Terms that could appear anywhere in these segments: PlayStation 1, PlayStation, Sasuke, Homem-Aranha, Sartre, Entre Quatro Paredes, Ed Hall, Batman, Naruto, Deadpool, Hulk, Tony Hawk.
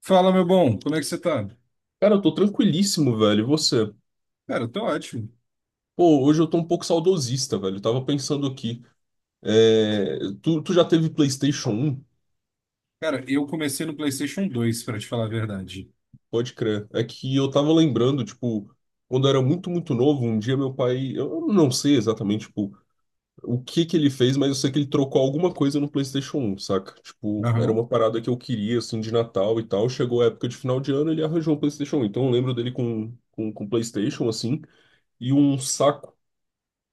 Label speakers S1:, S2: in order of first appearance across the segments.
S1: Fala, meu bom, como é que você tá?
S2: Cara, eu tô tranquilíssimo, velho. E você?
S1: Cara, eu tô ótimo.
S2: Pô, hoje eu tô um pouco saudosista, velho. Eu tava pensando aqui. Tu já teve PlayStation 1.
S1: Cara, eu comecei no PlayStation dois pra te falar a verdade.
S2: Pode crer. É que eu tava lembrando, tipo, quando eu era muito, muito novo, um dia meu pai. Eu não sei exatamente, tipo, o que que ele fez, mas eu sei que ele trocou alguma coisa no PlayStation 1, saca? Tipo, era
S1: Aham.
S2: uma parada que eu queria, assim, de Natal e tal. Chegou a época de final de ano, ele arranjou um PlayStation 1. Então eu lembro dele com PlayStation, assim. E um saco,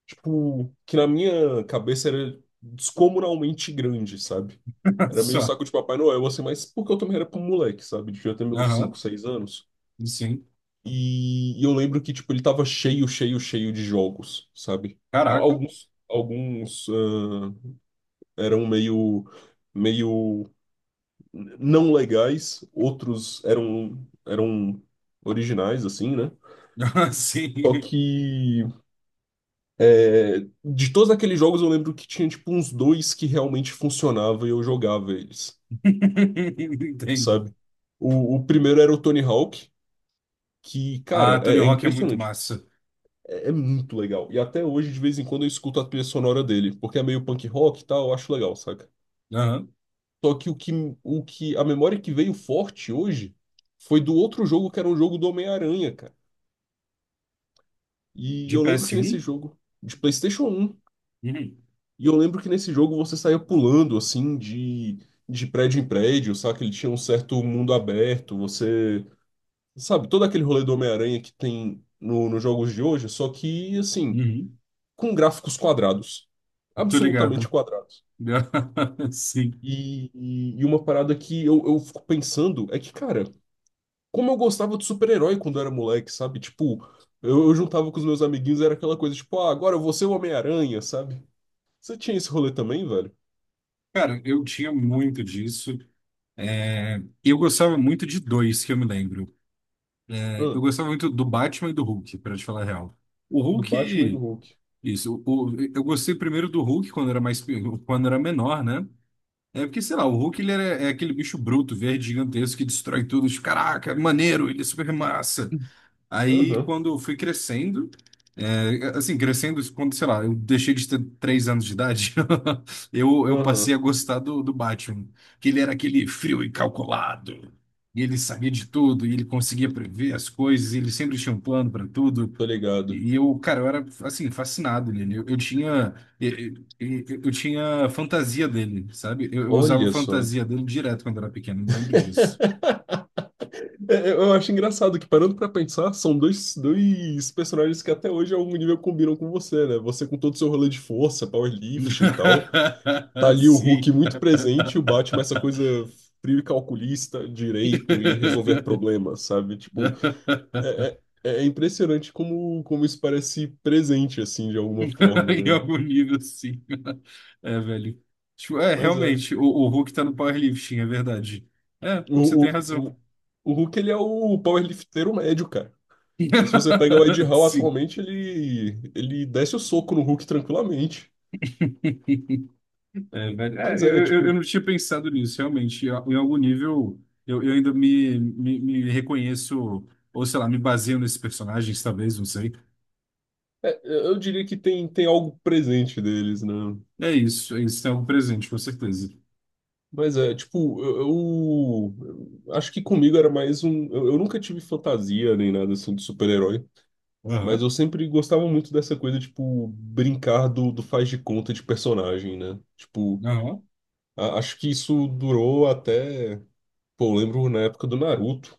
S2: tipo, que na minha cabeça era descomunalmente grande, sabe? Era meio
S1: Só.
S2: saco de Papai Noel, assim, mas porque eu também era com moleque, sabe? Devia ter meus 5,
S1: Aham,
S2: 6 anos.
S1: sim.
S2: E eu lembro que, tipo, ele tava cheio, cheio, cheio de jogos, sabe? A-
S1: Caraca.
S2: Alguns, alguns ah, eram meio não legais, outros eram originais, assim, né?
S1: Aham, sim.
S2: Só que de todos aqueles jogos, eu lembro que tinha tipo uns dois que realmente funcionava e eu jogava eles,
S1: Entendo.
S2: sabe? O primeiro era o Tony Hawk, que, cara,
S1: Ah, Tony
S2: é
S1: Hawk é muito
S2: impressionante.
S1: massa.
S2: É muito legal. E até hoje, de vez em quando, eu escuto a trilha sonora dele, porque é meio punk rock e tal, eu acho legal, saca?
S1: Aham,
S2: Só que o que a memória que veio forte hoje foi do outro jogo que era um jogo do Homem-Aranha, cara. E
S1: de
S2: eu lembro
S1: ps
S2: que
S1: um.
S2: nesse jogo, de PlayStation 1.
S1: Uhum.
S2: E eu lembro que nesse jogo você saía pulando, assim, de prédio em prédio, sabe? Ele tinha um certo mundo aberto, você... Sabe, todo aquele rolê do Homem-Aranha que tem no, nos jogos de hoje, só que, assim,
S1: Uhum.
S2: com gráficos quadrados.
S1: Tô ligado.
S2: Absolutamente quadrados.
S1: Sim.
S2: E uma parada que eu fico pensando é que, cara, como eu gostava de super-herói quando eu era moleque, sabe? Tipo, eu juntava com os meus amiguinhos, era aquela coisa, tipo, ah, agora eu vou ser o Homem-Aranha, sabe? Você tinha esse rolê também, velho?
S1: Cara, eu tinha muito disso. É, eu gostava muito de dois, que eu me lembro. É, eu
S2: Hã?
S1: gostava muito do Batman e do Hulk, pra te falar a real. O
S2: Do Batman e do
S1: Hulk.
S2: Hulk.
S1: Isso. Eu gostei primeiro do Hulk quando era mais, quando era menor, né? É porque, sei lá, o Hulk é aquele bicho bruto, verde, gigantesco, que destrói tudo. Tipo, caraca, maneiro, ele é super massa. Aí,
S2: Aham,
S1: quando eu fui crescendo, é, assim, crescendo, quando, sei lá, eu deixei de ter três anos de idade, eu passei a
S2: aham,
S1: gostar do Batman. Que ele era aquele frio e calculado. E ele sabia de tudo, e ele conseguia prever as coisas, e ele sempre tinha um plano para tudo.
S2: tô ligado.
S1: E eu, cara, eu era, assim, fascinado nele. Eu, eu tinha fantasia dele, sabe? Eu usava
S2: Olha só.
S1: fantasia dele direto quando era pequeno, eu me lembro disso.
S2: É, eu acho engraçado que, parando pra pensar, são dois personagens que até hoje a algum nível combinam com você, né? Você com todo o seu rolê de força, powerlifting e tal. Tá ali o Hulk
S1: Sim.
S2: muito presente e o Batman, essa coisa frio e calculista, direito e resolver problemas, sabe? Tipo, é, é impressionante como, isso parece presente, assim, de alguma forma,
S1: Em
S2: né?
S1: algum nível, sim. É, velho. Tipo, é,
S2: Mas é.
S1: realmente, o Hulk tá no powerlifting, é verdade. É, você
S2: O,
S1: tem
S2: o,
S1: razão.
S2: o, o Hulk, ele é o powerlifteiro médio, cara. Se você pega o Ed Hall
S1: Sim.
S2: atualmente, ele desce o soco no Hulk tranquilamente.
S1: É, velho, é,
S2: Mas é,
S1: eu
S2: tipo,
S1: não tinha pensado nisso, realmente. Em algum nível, eu ainda me reconheço, ou sei lá, me baseio nesses personagens, talvez, não sei.
S2: eu diria que tem algo presente deles, né?
S1: É isso, tem algo presente, com certeza.
S2: Mas é, tipo, eu acho que comigo era mais um. Eu nunca tive fantasia nem nada assim de super-herói, mas eu
S1: Aham,
S2: sempre gostava muito dessa coisa, tipo, brincar do faz de conta de personagem, né? Tipo,
S1: aham.
S2: acho que isso durou até. Pô, eu lembro na época do Naruto.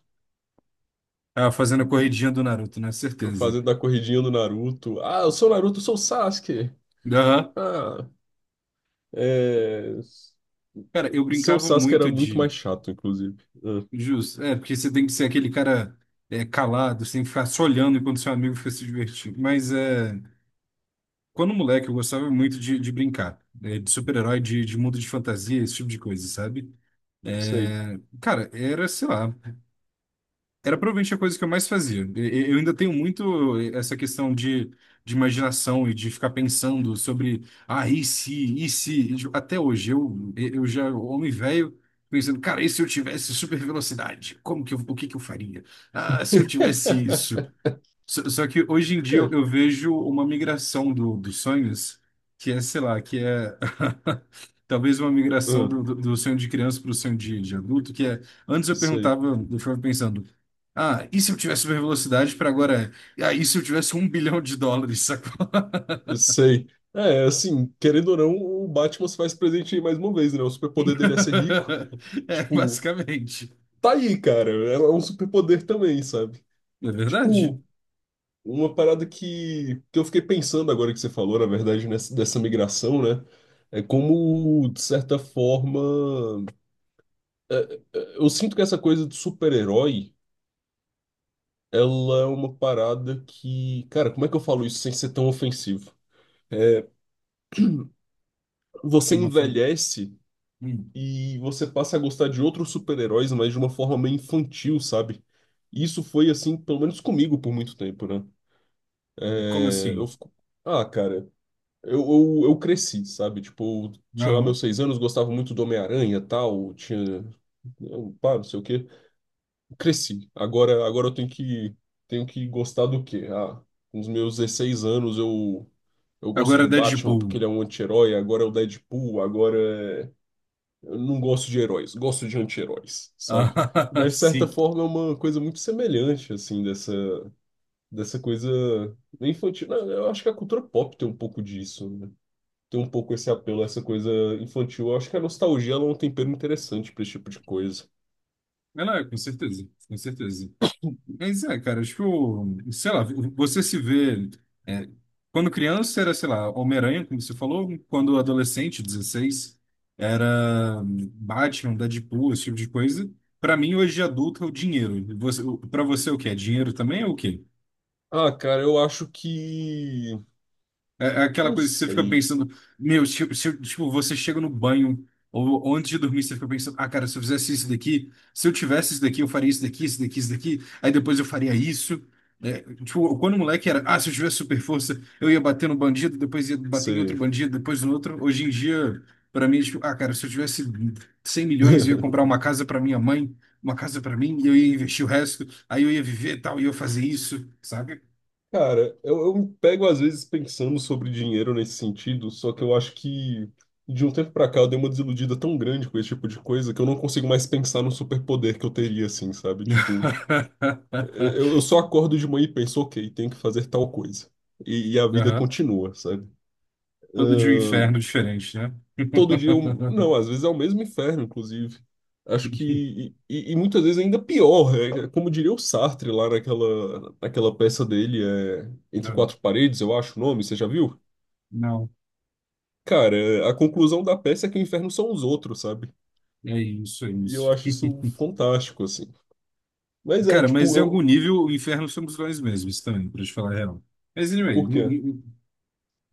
S1: Ah, fazendo a corridinha do Naruto, né? Certeza.
S2: Fazendo a corridinha do Naruto. Ah, eu sou o Naruto, eu sou o Sasuke.
S1: Aham.
S2: Ah, é...
S1: Cara, eu
S2: Seu
S1: brincava
S2: Sasuke era
S1: muito
S2: muito mais
S1: de.
S2: chato, inclusive. Ah,
S1: Justo, é, porque você tem que ser aquele cara é, calado, você tem que ficar só olhando enquanto seu amigo fica se divertindo. Mas é. Quando moleque, eu gostava muito de brincar, de super-herói, de mundo de fantasia, esse tipo de coisa, sabe?
S2: sei.
S1: É, cara, era, sei lá, era provavelmente a coisa que eu mais fazia. Eu ainda tenho muito essa questão de imaginação e de ficar pensando sobre, ah, e se, e se? E, tipo, até hoje, eu já, homem velho, pensando, cara, e se eu tivesse super velocidade? Como que eu, o que que eu faria? Ah, se eu tivesse isso? Só que hoje em dia
S2: É, é,
S1: eu vejo uma migração dos sonhos, que é, sei lá, que é talvez uma migração
S2: ah,
S1: do sonho de criança para o sonho de adulto, que é, antes eu
S2: sei.
S1: perguntava, eu ficava pensando, ah, e se eu tivesse super velocidade para agora, é, ah, e se eu tivesse um bilhão de dólares, sacou?
S2: Sei. É, assim, querendo ou não, o Batman se faz presente aí mais uma vez, né? O superpoder dele é ser rico.
S1: É,
S2: Tipo,
S1: basicamente.
S2: tá aí, cara. É um superpoder também, sabe?
S1: É verdade.
S2: Tipo, uma parada que eu fiquei pensando agora que você falou, na verdade, nessa, dessa migração, né? É como, de certa forma. Eu sinto que essa coisa de super-herói, ela é uma parada que, cara, como é que eu falo isso sem ser tão ofensivo?
S1: É
S2: Você
S1: uma fan-
S2: envelhece
S1: Hum,
S2: e você passa a gostar de outros super-heróis, mas de uma forma meio infantil, sabe? E isso foi assim, pelo menos comigo por muito tempo, né?
S1: como
S2: É, eu
S1: assim?
S2: fico, ah, cara, eu cresci, sabe? Tipo, eu tinha lá
S1: Não.
S2: meus 6 anos, gostava muito do Homem-Aranha, e tal, tinha, eu, pá, não sei o quê. Cresci. Agora eu tenho que gostar do quê? Ah, com os meus 16 anos eu gosto do
S1: Agora
S2: Batman porque
S1: Deadpool.
S2: ele é um anti-herói, agora é o Deadpool, é... Eu não gosto de heróis, gosto de anti-heróis, sabe?
S1: Ah,
S2: Mas, de certa
S1: sim.
S2: forma, é uma coisa muito semelhante, assim, dessa coisa infantil. Não, eu acho que a cultura pop tem um pouco disso, né? Tem um pouco esse apelo, essa coisa infantil. Eu acho que a nostalgia ela é um tempero interessante para esse tipo de coisa.
S1: Não, não, é, com certeza, com certeza. Mas é, cara, tipo, sei lá, você se vê. É, quando criança era, sei lá, Homem-Aranha, como você falou, quando adolescente, 16 era Batman, Deadpool, esse tipo de coisa. Pra mim, hoje de adulto, é o dinheiro. Você, o- pra você, o que é? Dinheiro também ou o quê?
S2: Ah, cara, eu acho que
S1: É é aquela
S2: Não
S1: coisa que você fica
S2: sei.
S1: pensando, meu, tipo se, eu- tipo, você chega no banho ou antes de dormir, você fica pensando, ah, cara, se eu fizesse isso daqui, se eu tivesse isso daqui, eu faria isso daqui, isso daqui, isso daqui, aí depois eu faria isso. É, tipo, quando o moleque era, ah, se eu tivesse super força, eu ia bater no bandido, depois ia bater em outro
S2: Sei.
S1: bandido, depois no outro. Hoje em dia, pra mim, é tipo, ah, cara, se eu tivesse 100 milhões, eu ia comprar uma casa pra minha mãe, uma casa pra mim, e eu ia investir o resto, aí eu ia viver e tal, e eu ia fazer isso, sabe?
S2: Cara, eu me pego às vezes pensando sobre dinheiro nesse sentido, só que eu acho que de um tempo pra cá eu dei uma desiludida tão grande com esse tipo de coisa que eu não consigo mais pensar no superpoder que eu teria, assim, sabe? Tipo, eu só acordo de manhã e penso, ok, tenho que fazer tal coisa. E a vida
S1: Aham.
S2: continua, sabe?
S1: Todo de um inferno diferente, né?
S2: Todo dia um... Não, às vezes é o mesmo inferno, inclusive. Acho que. E muitas vezes ainda pior. Né? É, como diria o Sartre lá naquela peça dele, Entre
S1: Não,
S2: Quatro Paredes, eu acho o nome, você já viu?
S1: não.
S2: Cara, a conclusão da peça é que o inferno são os outros, sabe?
S1: É isso, é
S2: E eu
S1: isso.
S2: acho isso fantástico, assim. Mas é,
S1: Cara,
S2: tipo,
S1: mas em algum
S2: eu.
S1: nível o inferno somos nós mesmos também, pra te falar a real. Mas anyway,
S2: Por quê?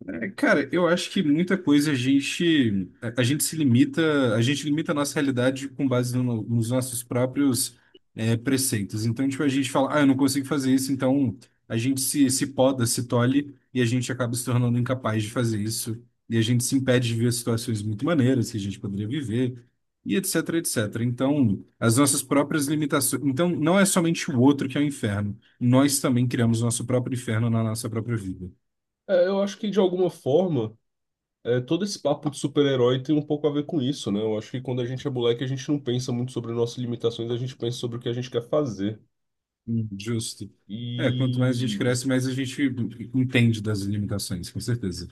S1: é, cara, eu acho que muita coisa a gente a gente se limita, a gente limita a nossa realidade com base nos nossos próprios é, preceitos. Então, tipo, a gente fala, ah, eu não consigo fazer isso, então a gente se poda, se tolhe e a gente acaba se tornando incapaz de fazer isso. E a gente se impede de ver situações muito maneiras que a gente poderia viver e etc, etc. Então, as nossas próprias limitações. Então, não é somente o outro que é o inferno. Nós também criamos nosso próprio inferno na nossa própria vida.
S2: É, eu acho que de alguma forma. É, todo esse papo de super-herói tem um pouco a ver com isso, né? Eu acho que quando a gente é moleque, a gente não pensa muito sobre nossas limitações, a gente pensa sobre o que a gente quer fazer.
S1: Justo. É, quanto mais a gente
S2: E
S1: cresce, mais a gente entende das limitações, com certeza.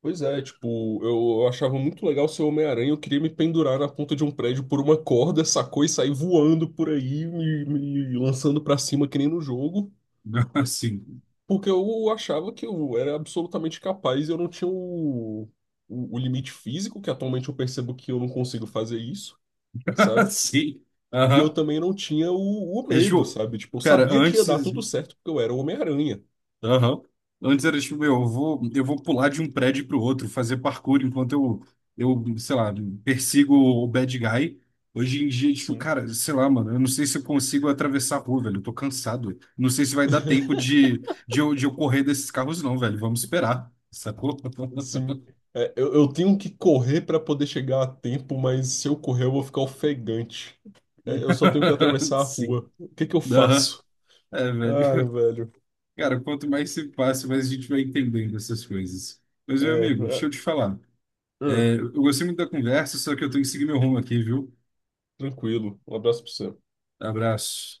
S2: pois é, tipo, eu achava muito legal ser Homem-Aranha, eu queria me pendurar na ponta de um prédio por uma corda, sacou? E sair voando por aí, me lançando pra cima que nem no jogo,
S1: Assim.
S2: porque eu achava que eu era absolutamente capaz e eu não tinha o, o limite físico, que atualmente eu percebo que eu não consigo fazer isso, sabe?
S1: Sim.
S2: E eu
S1: Aham.
S2: também não tinha o
S1: É
S2: medo,
S1: tipo,
S2: sabe? Tipo, eu
S1: cara,
S2: sabia que ia
S1: antes.
S2: dar tudo certo porque eu era o Homem-Aranha.
S1: Aham. Antes era tipo, meu, eu vou pular de um prédio pro outro, fazer parkour enquanto eu, sei lá, persigo o bad guy. Hoje em dia, tipo,
S2: Sim.
S1: cara, sei lá, mano, eu não sei se eu consigo atravessar a rua, velho. Eu tô cansado. Não sei se vai dar tempo de eu correr desses carros, não, velho. Vamos esperar. Sacou?
S2: Assim, é, eu tenho que correr para poder chegar a tempo, mas se eu correr eu vou ficar ofegante. É, eu só tenho que atravessar a
S1: Sim.
S2: rua. O que que eu
S1: Aham.
S2: faço?
S1: É,
S2: Ah,
S1: velho.
S2: velho.
S1: Cara, quanto mais se passa, mais a gente vai entendendo essas coisas. Mas, meu
S2: É,
S1: amigo, deixa
S2: é,
S1: eu te falar.
S2: hum,
S1: É, eu gostei muito da conversa, só que eu tenho que seguir meu rumo aqui, viu?
S2: tranquilo. Um abraço pra você.
S1: Abraço.